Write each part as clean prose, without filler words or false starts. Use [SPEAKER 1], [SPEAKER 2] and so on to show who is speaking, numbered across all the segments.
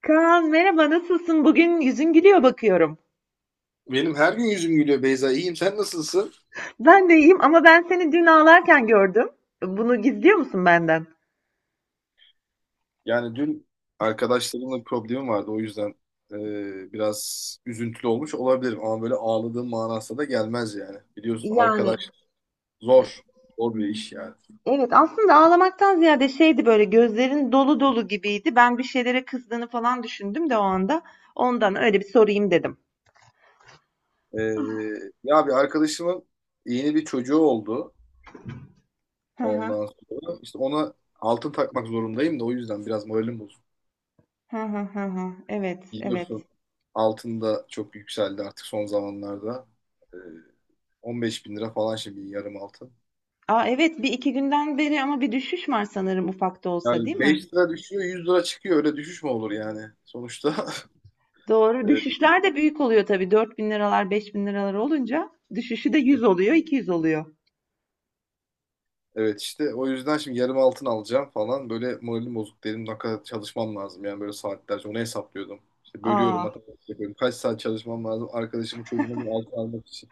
[SPEAKER 1] Kaan merhaba nasılsın? Bugün yüzün gülüyor bakıyorum.
[SPEAKER 2] Benim her gün yüzüm gülüyor Beyza. İyiyim. Sen nasılsın?
[SPEAKER 1] Ben de iyiyim ama ben seni dün ağlarken gördüm. Bunu gizliyor musun benden?
[SPEAKER 2] Yani dün arkadaşlarımla bir problemim vardı. O yüzden biraz üzüntülü olmuş olabilirim. Ama böyle ağladığım manasına da gelmez yani. Biliyorsun
[SPEAKER 1] Yani
[SPEAKER 2] arkadaş zor. Zor bir iş yani.
[SPEAKER 1] evet aslında ağlamaktan ziyade şeydi böyle gözlerin dolu dolu gibiydi. Ben bir şeylere kızdığını falan düşündüm de o anda. Ondan öyle bir sorayım dedim.
[SPEAKER 2] E, Ya bir arkadaşımın yeni bir çocuğu oldu.
[SPEAKER 1] Hı hı.
[SPEAKER 2] Ondan sonra işte ona altın takmak zorundayım da o yüzden biraz moralim bozuk.
[SPEAKER 1] Hı hı hı hı. Evet,
[SPEAKER 2] Biliyorsun
[SPEAKER 1] evet.
[SPEAKER 2] altın da çok yükseldi artık son zamanlarda. E, 15 bin lira falan şimdi yarım altın.
[SPEAKER 1] Aa evet bir iki günden beri ama bir düşüş var sanırım ufak da olsa değil
[SPEAKER 2] Yani
[SPEAKER 1] mi?
[SPEAKER 2] 5 lira düşüyor, 100 lira çıkıyor, öyle düşüş mü olur yani sonuçta.
[SPEAKER 1] Doğru.
[SPEAKER 2] e,
[SPEAKER 1] Düşüşler de büyük oluyor tabii. Dört bin liralar, 5.000 liralar olunca düşüşü de 100 oluyor, 200 oluyor.
[SPEAKER 2] evet işte, o yüzden şimdi yarım altın alacağım falan, böyle moralim bozuk dedim. Ne kadar çalışmam lazım yani, böyle saatlerce onu hesaplıyordum İşte, bölüyorum,
[SPEAKER 1] Aa,
[SPEAKER 2] matematik yapıyorum, kaç saat çalışmam lazım arkadaşımın çocuğuna bir altın almak için.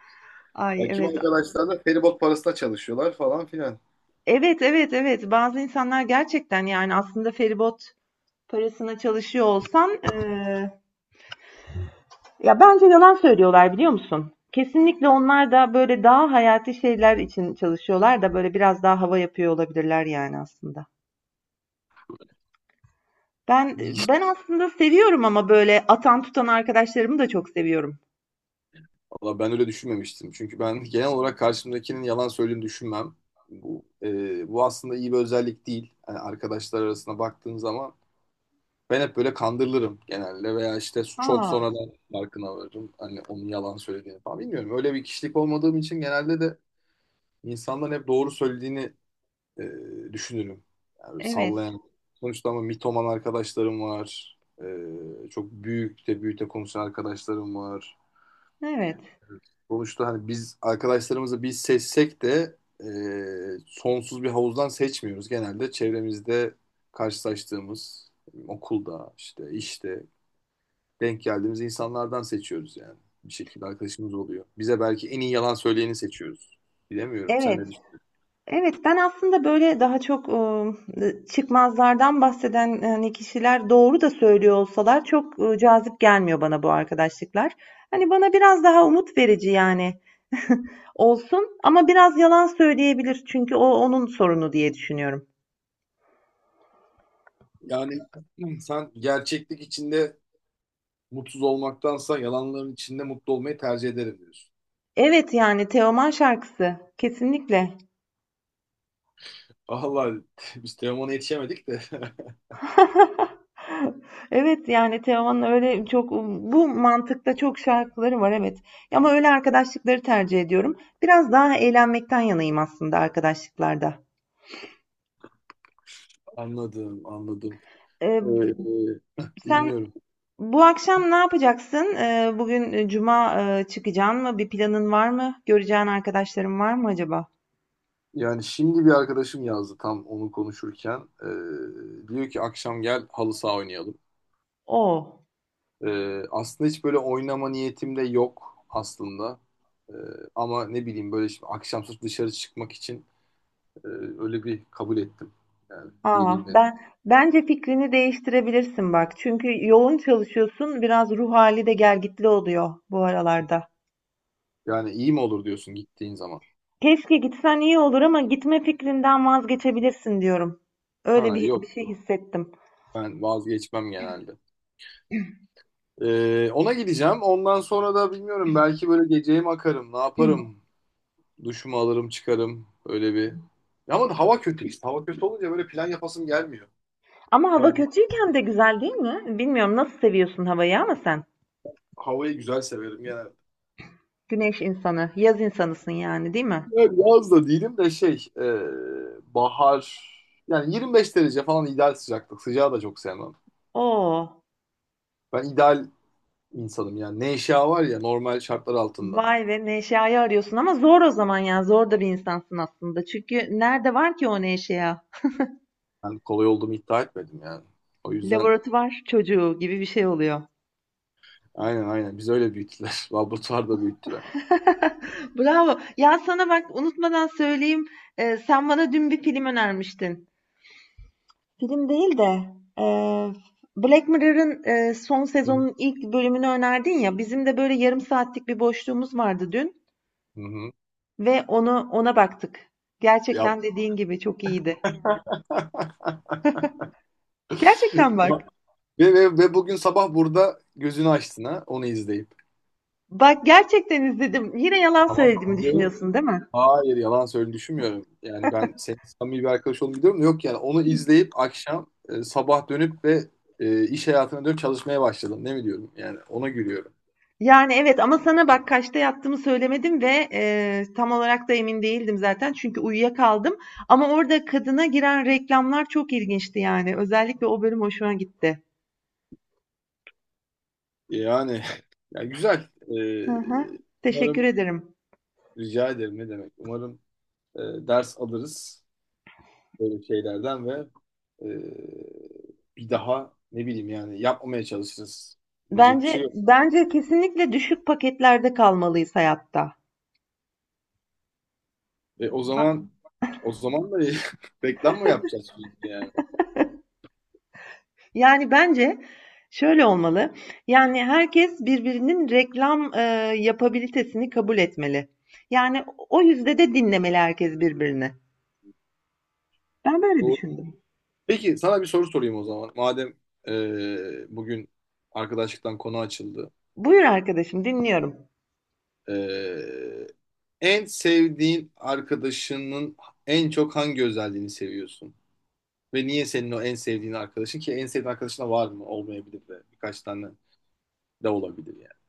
[SPEAKER 1] ay
[SPEAKER 2] Ya kim,
[SPEAKER 1] evet.
[SPEAKER 2] arkadaşlar da feribot parasına çalışıyorlar falan filan.
[SPEAKER 1] Evet, evet, evet. Bazı insanlar gerçekten yani aslında feribot parasına çalışıyor olsan ya bence yalan söylüyorlar biliyor musun? Kesinlikle onlar da böyle daha hayati şeyler için çalışıyorlar da böyle biraz daha hava yapıyor olabilirler yani aslında. Ben ben aslında seviyorum ama böyle atan tutan arkadaşlarımı da çok seviyorum.
[SPEAKER 2] Valla ben öyle düşünmemiştim. Çünkü ben genel olarak karşımdakinin yalan söylediğini düşünmem. Bu aslında iyi bir özellik değil. Yani arkadaşlar arasına baktığın zaman ben hep böyle kandırılırım genelde, veya işte çok
[SPEAKER 1] Aa,
[SPEAKER 2] sonradan farkına varırım. Hani onun yalan söylediğini falan bilmiyorum. Öyle bir kişilik olmadığım için genelde de insanların hep doğru söylediğini e, düşünürüm. Yani
[SPEAKER 1] evet.
[SPEAKER 2] sallayan. Sonuçta ama mitoman arkadaşlarım var. Çok büyük de büyük de konuşan arkadaşlarım var.
[SPEAKER 1] Evet.
[SPEAKER 2] Sonuçta hani biz arkadaşlarımızı biz seçsek de sonsuz bir havuzdan seçmiyoruz. Genelde çevremizde karşılaştığımız, okulda işte, denk geldiğimiz insanlardan seçiyoruz yani. Bir şekilde arkadaşımız oluyor. Bize belki en iyi yalan söyleyeni seçiyoruz. Bilemiyorum. Sen ne
[SPEAKER 1] Evet.
[SPEAKER 2] düşünüyorsun?
[SPEAKER 1] Evet, ben aslında böyle daha çok çıkmazlardan bahseden, hani, kişiler doğru da söylüyor olsalar çok, cazip gelmiyor bana bu arkadaşlıklar. Hani, bana biraz daha umut verici, yani, olsun ama biraz yalan söyleyebilir çünkü o onun sorunu diye düşünüyorum.
[SPEAKER 2] Yani sen gerçeklik içinde mutsuz olmaktansa yalanların içinde mutlu olmayı tercih ederim diyorsun.
[SPEAKER 1] Evet, yani, Teoman şarkısı. Kesinlikle.
[SPEAKER 2] Allah, biz Teoman'a yetişemedik de.
[SPEAKER 1] Evet, yani Teoman'ın öyle çok bu mantıkta çok şarkıları var evet. Ama öyle arkadaşlıkları tercih ediyorum. Biraz daha eğlenmekten yanayım aslında arkadaşlıklarda.
[SPEAKER 2] Anladım, anladım.
[SPEAKER 1] Ee,
[SPEAKER 2] Ee,
[SPEAKER 1] sen
[SPEAKER 2] Dinliyorum.
[SPEAKER 1] bu akşam ne yapacaksın? Bugün cuma çıkacaksın mı? Bir planın var mı? Göreceğin arkadaşların var mı acaba?
[SPEAKER 2] Yani şimdi bir arkadaşım yazdı tam onu konuşurken. Diyor ki akşam gel halı saha oynayalım.
[SPEAKER 1] Oo.
[SPEAKER 2] Aslında hiç böyle oynama niyetim de yok aslında. Ee, Ama ne bileyim, böyle şimdi akşam sırf dışarı çıkmak için e, öyle bir kabul ettim. Yani
[SPEAKER 1] Aa,
[SPEAKER 2] geleyim dedim.
[SPEAKER 1] bence fikrini değiştirebilirsin bak. Çünkü yoğun çalışıyorsun. Biraz ruh hali de gelgitli oluyor bu aralarda.
[SPEAKER 2] Yani iyi mi olur diyorsun gittiğin zaman?
[SPEAKER 1] Keşke gitsen iyi olur ama gitme fikrinden vazgeçebilirsin diyorum. Öyle
[SPEAKER 2] Ha
[SPEAKER 1] bir şey
[SPEAKER 2] yoktu.
[SPEAKER 1] hissettim.
[SPEAKER 2] Ben vazgeçmem genelde. Ona gideceğim. Ondan sonra da bilmiyorum, belki böyle geceye mi akarım, ne yaparım? Duşumu alırım, çıkarım. Öyle bir. Ya ama hava kötü işte. Hava kötü olunca böyle plan yapasım gelmiyor.
[SPEAKER 1] Ama
[SPEAKER 2] Biraz
[SPEAKER 1] hava kötüyken de güzel değil mi? Bilmiyorum nasıl seviyorsun havayı ama sen.
[SPEAKER 2] havayı güzel severim yani.
[SPEAKER 1] Güneş insanı, yaz insanısın yani değil mi?
[SPEAKER 2] Yani yaz da değilim de şey, bahar yani, 25 derece falan ideal sıcaklık. Sıcağı da çok sevmem.
[SPEAKER 1] Oo,
[SPEAKER 2] Ben ideal insanım yani. Neşe var ya, normal şartlar altında.
[SPEAKER 1] vay ve neşeyi arıyorsun ama zor o zaman ya. Zor da bir insansın aslında. Çünkü nerede var ki o neşeya?
[SPEAKER 2] Ben kolay olduğumu iddia etmedim yani. O yüzden,
[SPEAKER 1] Laboratuvar çocuğu gibi bir şey oluyor.
[SPEAKER 2] aynen aynen, biz öyle büyüttüler. Laboratuvarda büyüttüler.
[SPEAKER 1] Bravo. Ya sana bak unutmadan söyleyeyim. Sen bana dün bir film önermiştin. Film değil de eee, Black Mirror'ın son
[SPEAKER 2] Hı hı.
[SPEAKER 1] sezonun ilk bölümünü önerdin ya. Bizim de böyle yarım saatlik bir boşluğumuz vardı dün
[SPEAKER 2] Hı hı.
[SPEAKER 1] ve onu ona baktık.
[SPEAKER 2] Ya,
[SPEAKER 1] Gerçekten dediğin gibi çok iyiydi. Gerçekten bak.
[SPEAKER 2] ve bugün sabah burada gözünü açtın ha, onu izleyip.
[SPEAKER 1] Bak gerçekten izledim. Yine yalan
[SPEAKER 2] Tamam.
[SPEAKER 1] söylediğimi düşünüyorsun değil mi?
[SPEAKER 2] Hayır, yalan söyle düşünmüyorum. Yani ben senin samimi bir arkadaş olduğunu biliyorum da. Yok yani, onu izleyip akşam, sabah dönüp ve iş hayatına dönüp çalışmaya başladım. Ne mi diyorum? Yani ona gülüyorum.
[SPEAKER 1] Yani evet ama sana bak kaçta yattığımı söylemedim ve tam olarak da emin değildim zaten çünkü uyuyakaldım. Ama orada kadına giren reklamlar çok ilginçti yani. Özellikle o bölüm hoşuma gitti.
[SPEAKER 2] Yani, yani güzel.
[SPEAKER 1] Hı hı.
[SPEAKER 2] Umarım,
[SPEAKER 1] Teşekkür ederim.
[SPEAKER 2] rica ederim ne demek. Umarım e, ders alırız böyle şeylerden ve e, bir daha ne bileyim yani yapmamaya çalışırız. Diyecek bir şey
[SPEAKER 1] Bence
[SPEAKER 2] yok.
[SPEAKER 1] bence kesinlikle düşük paketlerde kalmalıyız hayatta.
[SPEAKER 2] E, o
[SPEAKER 1] Ha-
[SPEAKER 2] zaman o zaman da reklam mı yapacağız sürekli yani?
[SPEAKER 1] yani bence şöyle olmalı. Yani herkes birbirinin reklam yapabilitesini kabul etmeli. Yani o yüzde de dinlemeli herkes birbirini. Ben böyle
[SPEAKER 2] Doğru.
[SPEAKER 1] düşündüm.
[SPEAKER 2] Peki sana bir soru sorayım o zaman. Madem bugün arkadaşlıktan konu açıldı.
[SPEAKER 1] Buyur arkadaşım, dinliyorum.
[SPEAKER 2] E, En sevdiğin arkadaşının en çok hangi özelliğini seviyorsun? Ve niye senin o en sevdiğin arkadaşın ki? En sevdiğin arkadaşına var mı? Olmayabilir de, birkaç tane de olabilir yani.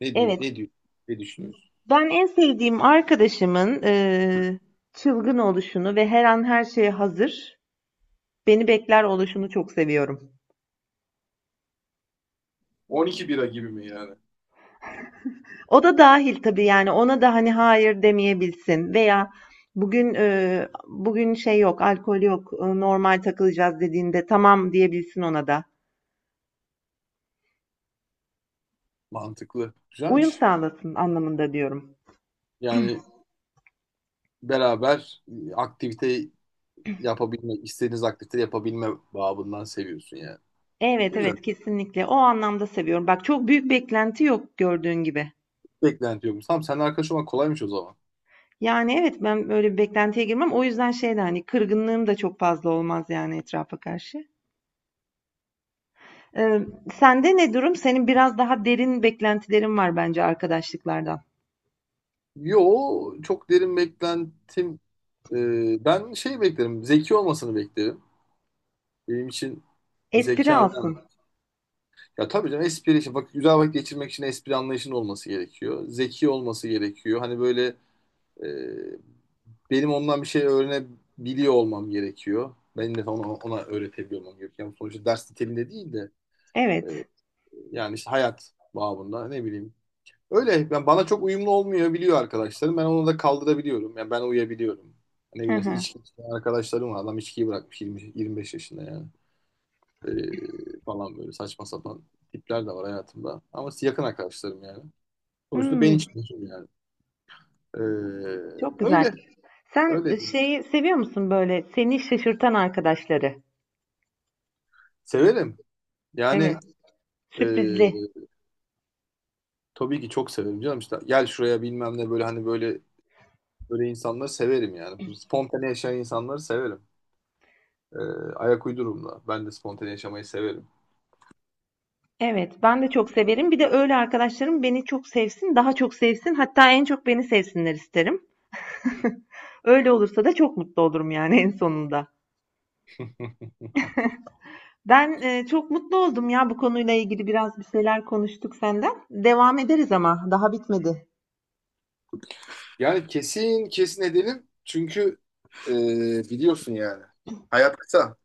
[SPEAKER 2] Ne diyor,
[SPEAKER 1] Evet,
[SPEAKER 2] ne diyor, Ne düşünüyorsun?
[SPEAKER 1] ben en sevdiğim arkadaşımın çılgın oluşunu ve her an her şeye hazır, beni bekler oluşunu çok seviyorum.
[SPEAKER 2] 12 bira gibi mi yani?
[SPEAKER 1] O da dahil tabii, yani, ona da, hani, hayır demeyebilsin veya bugün, şey yok, alkol yok, normal takılacağız dediğinde tamam diyebilsin ona da.
[SPEAKER 2] Mantıklı.
[SPEAKER 1] Uyum
[SPEAKER 2] Güzelmiş.
[SPEAKER 1] sağlasın anlamında diyorum.
[SPEAKER 2] Yani beraber aktivite yapabilme, istediğiniz aktivite yapabilme babından seviyorsun yani.
[SPEAKER 1] Evet,
[SPEAKER 2] Güzel.
[SPEAKER 1] evet, kesinlikle. O anlamda seviyorum. Bak çok büyük beklenti yok gördüğün gibi.
[SPEAKER 2] Beklenti yokmuş. Tamam, seninle arkadaş olmak kolaymış o zaman.
[SPEAKER 1] Yani, evet, ben böyle bir beklentiye girmem. O yüzden şey de, hani, kırgınlığım da çok fazla olmaz, yani, etrafa karşı. Eee, sende ne durum? Senin biraz daha derin beklentilerin var bence arkadaşlıklardan.
[SPEAKER 2] Yo, çok derin beklentim. Ben şey beklerim. Zeki olmasını beklerim. Benim için
[SPEAKER 1] Espri
[SPEAKER 2] zeka önemli.
[SPEAKER 1] alsın.
[SPEAKER 2] Ya tabii canım, espri için. Bak, güzel vakit geçirmek için espri anlayışının olması gerekiyor. Zeki olması gerekiyor. Hani böyle, e, benim ondan bir şey öğrenebiliyor olmam gerekiyor. Benim de ona, öğretebiliyor olmam gerekiyor. Yani sonuçta ders niteliğinde değil de, e,
[SPEAKER 1] Evet.
[SPEAKER 2] yani işte hayat babında ne bileyim. Öyle yani, bana çok uyumlu olmuyor biliyor arkadaşlarım. Ben onu da kaldırabiliyorum. Yani ben uyuyabiliyorum. Ne
[SPEAKER 1] Hı
[SPEAKER 2] bileyim, mesela
[SPEAKER 1] hı.
[SPEAKER 2] içki içen arkadaşlarım var. Adam içkiyi bırakmış 20, 25 yaşında yani. Falan böyle saçma sapan tipler de var hayatımda. Ama yakın arkadaşlarım yani. Sonuçta ben
[SPEAKER 1] Hımm,
[SPEAKER 2] içmiyorum yani. Ee,
[SPEAKER 1] çok güzel.
[SPEAKER 2] Öyle.
[SPEAKER 1] Sen,
[SPEAKER 2] Öyle değil.
[SPEAKER 1] şeyi seviyor musun, böyle, seni şaşırtan arkadaşları?
[SPEAKER 2] Severim.
[SPEAKER 1] Evet,
[SPEAKER 2] Yani e,
[SPEAKER 1] sürprizli.
[SPEAKER 2] tabii ki çok severim canım işte. Gel şuraya, bilmem ne, böyle hani, böyle böyle insanları severim yani. Spontane yaşayan insanları severim. Ee, Ayak uydururum da. Ben de spontane yaşamayı severim.
[SPEAKER 1] Evet, ben de çok severim. Bir de öyle arkadaşlarım beni çok sevsin, daha çok sevsin, hatta en çok beni sevsinler isterim. Öyle olursa da çok mutlu olurum yani en sonunda. Ben, çok mutlu oldum ya bu konuyla ilgili biraz bir şeyler konuştuk senden. Devam ederiz ama daha bitmedi.
[SPEAKER 2] Yani kesin kesin edelim. Çünkü e, biliyorsun yani. Hayat kısa.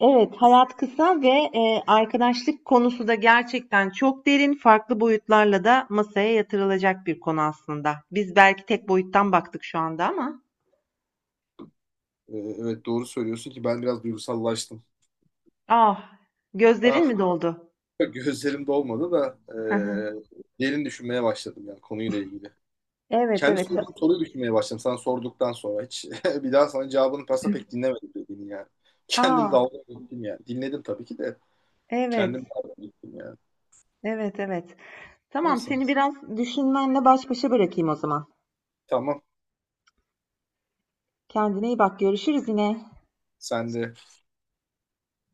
[SPEAKER 1] Evet, hayat kısa ve arkadaşlık konusu da gerçekten çok derin, farklı boyutlarla da masaya yatırılacak bir konu aslında. Biz belki tek boyuttan baktık şu anda ama.
[SPEAKER 2] Evet doğru söylüyorsun ki, ben biraz duygusallaştım.
[SPEAKER 1] Ah, gözlerin
[SPEAKER 2] Ah,
[SPEAKER 1] mi doldu?
[SPEAKER 2] gözlerim dolmadı da
[SPEAKER 1] Hı.
[SPEAKER 2] derin düşünmeye başladım yani konuyla ilgili.
[SPEAKER 1] Evet,
[SPEAKER 2] Kendi
[SPEAKER 1] evet.
[SPEAKER 2] sorduğum soruyu düşünmeye başladım sana sorduktan sonra. Hiç bir daha sana cevabını pasa pek dinlemedim dediğini yani. Kendim
[SPEAKER 1] Aa,
[SPEAKER 2] dalga geçtim yani. Dinledim tabii ki de, kendim
[SPEAKER 1] evet,
[SPEAKER 2] dalga geçtim yani.
[SPEAKER 1] evet, evet. Tamam,
[SPEAKER 2] Neyse,
[SPEAKER 1] seni biraz düşünmenle baş başa bırakayım o zaman.
[SPEAKER 2] tamam.
[SPEAKER 1] Kendine iyi bak, görüşürüz yine.
[SPEAKER 2] Sen de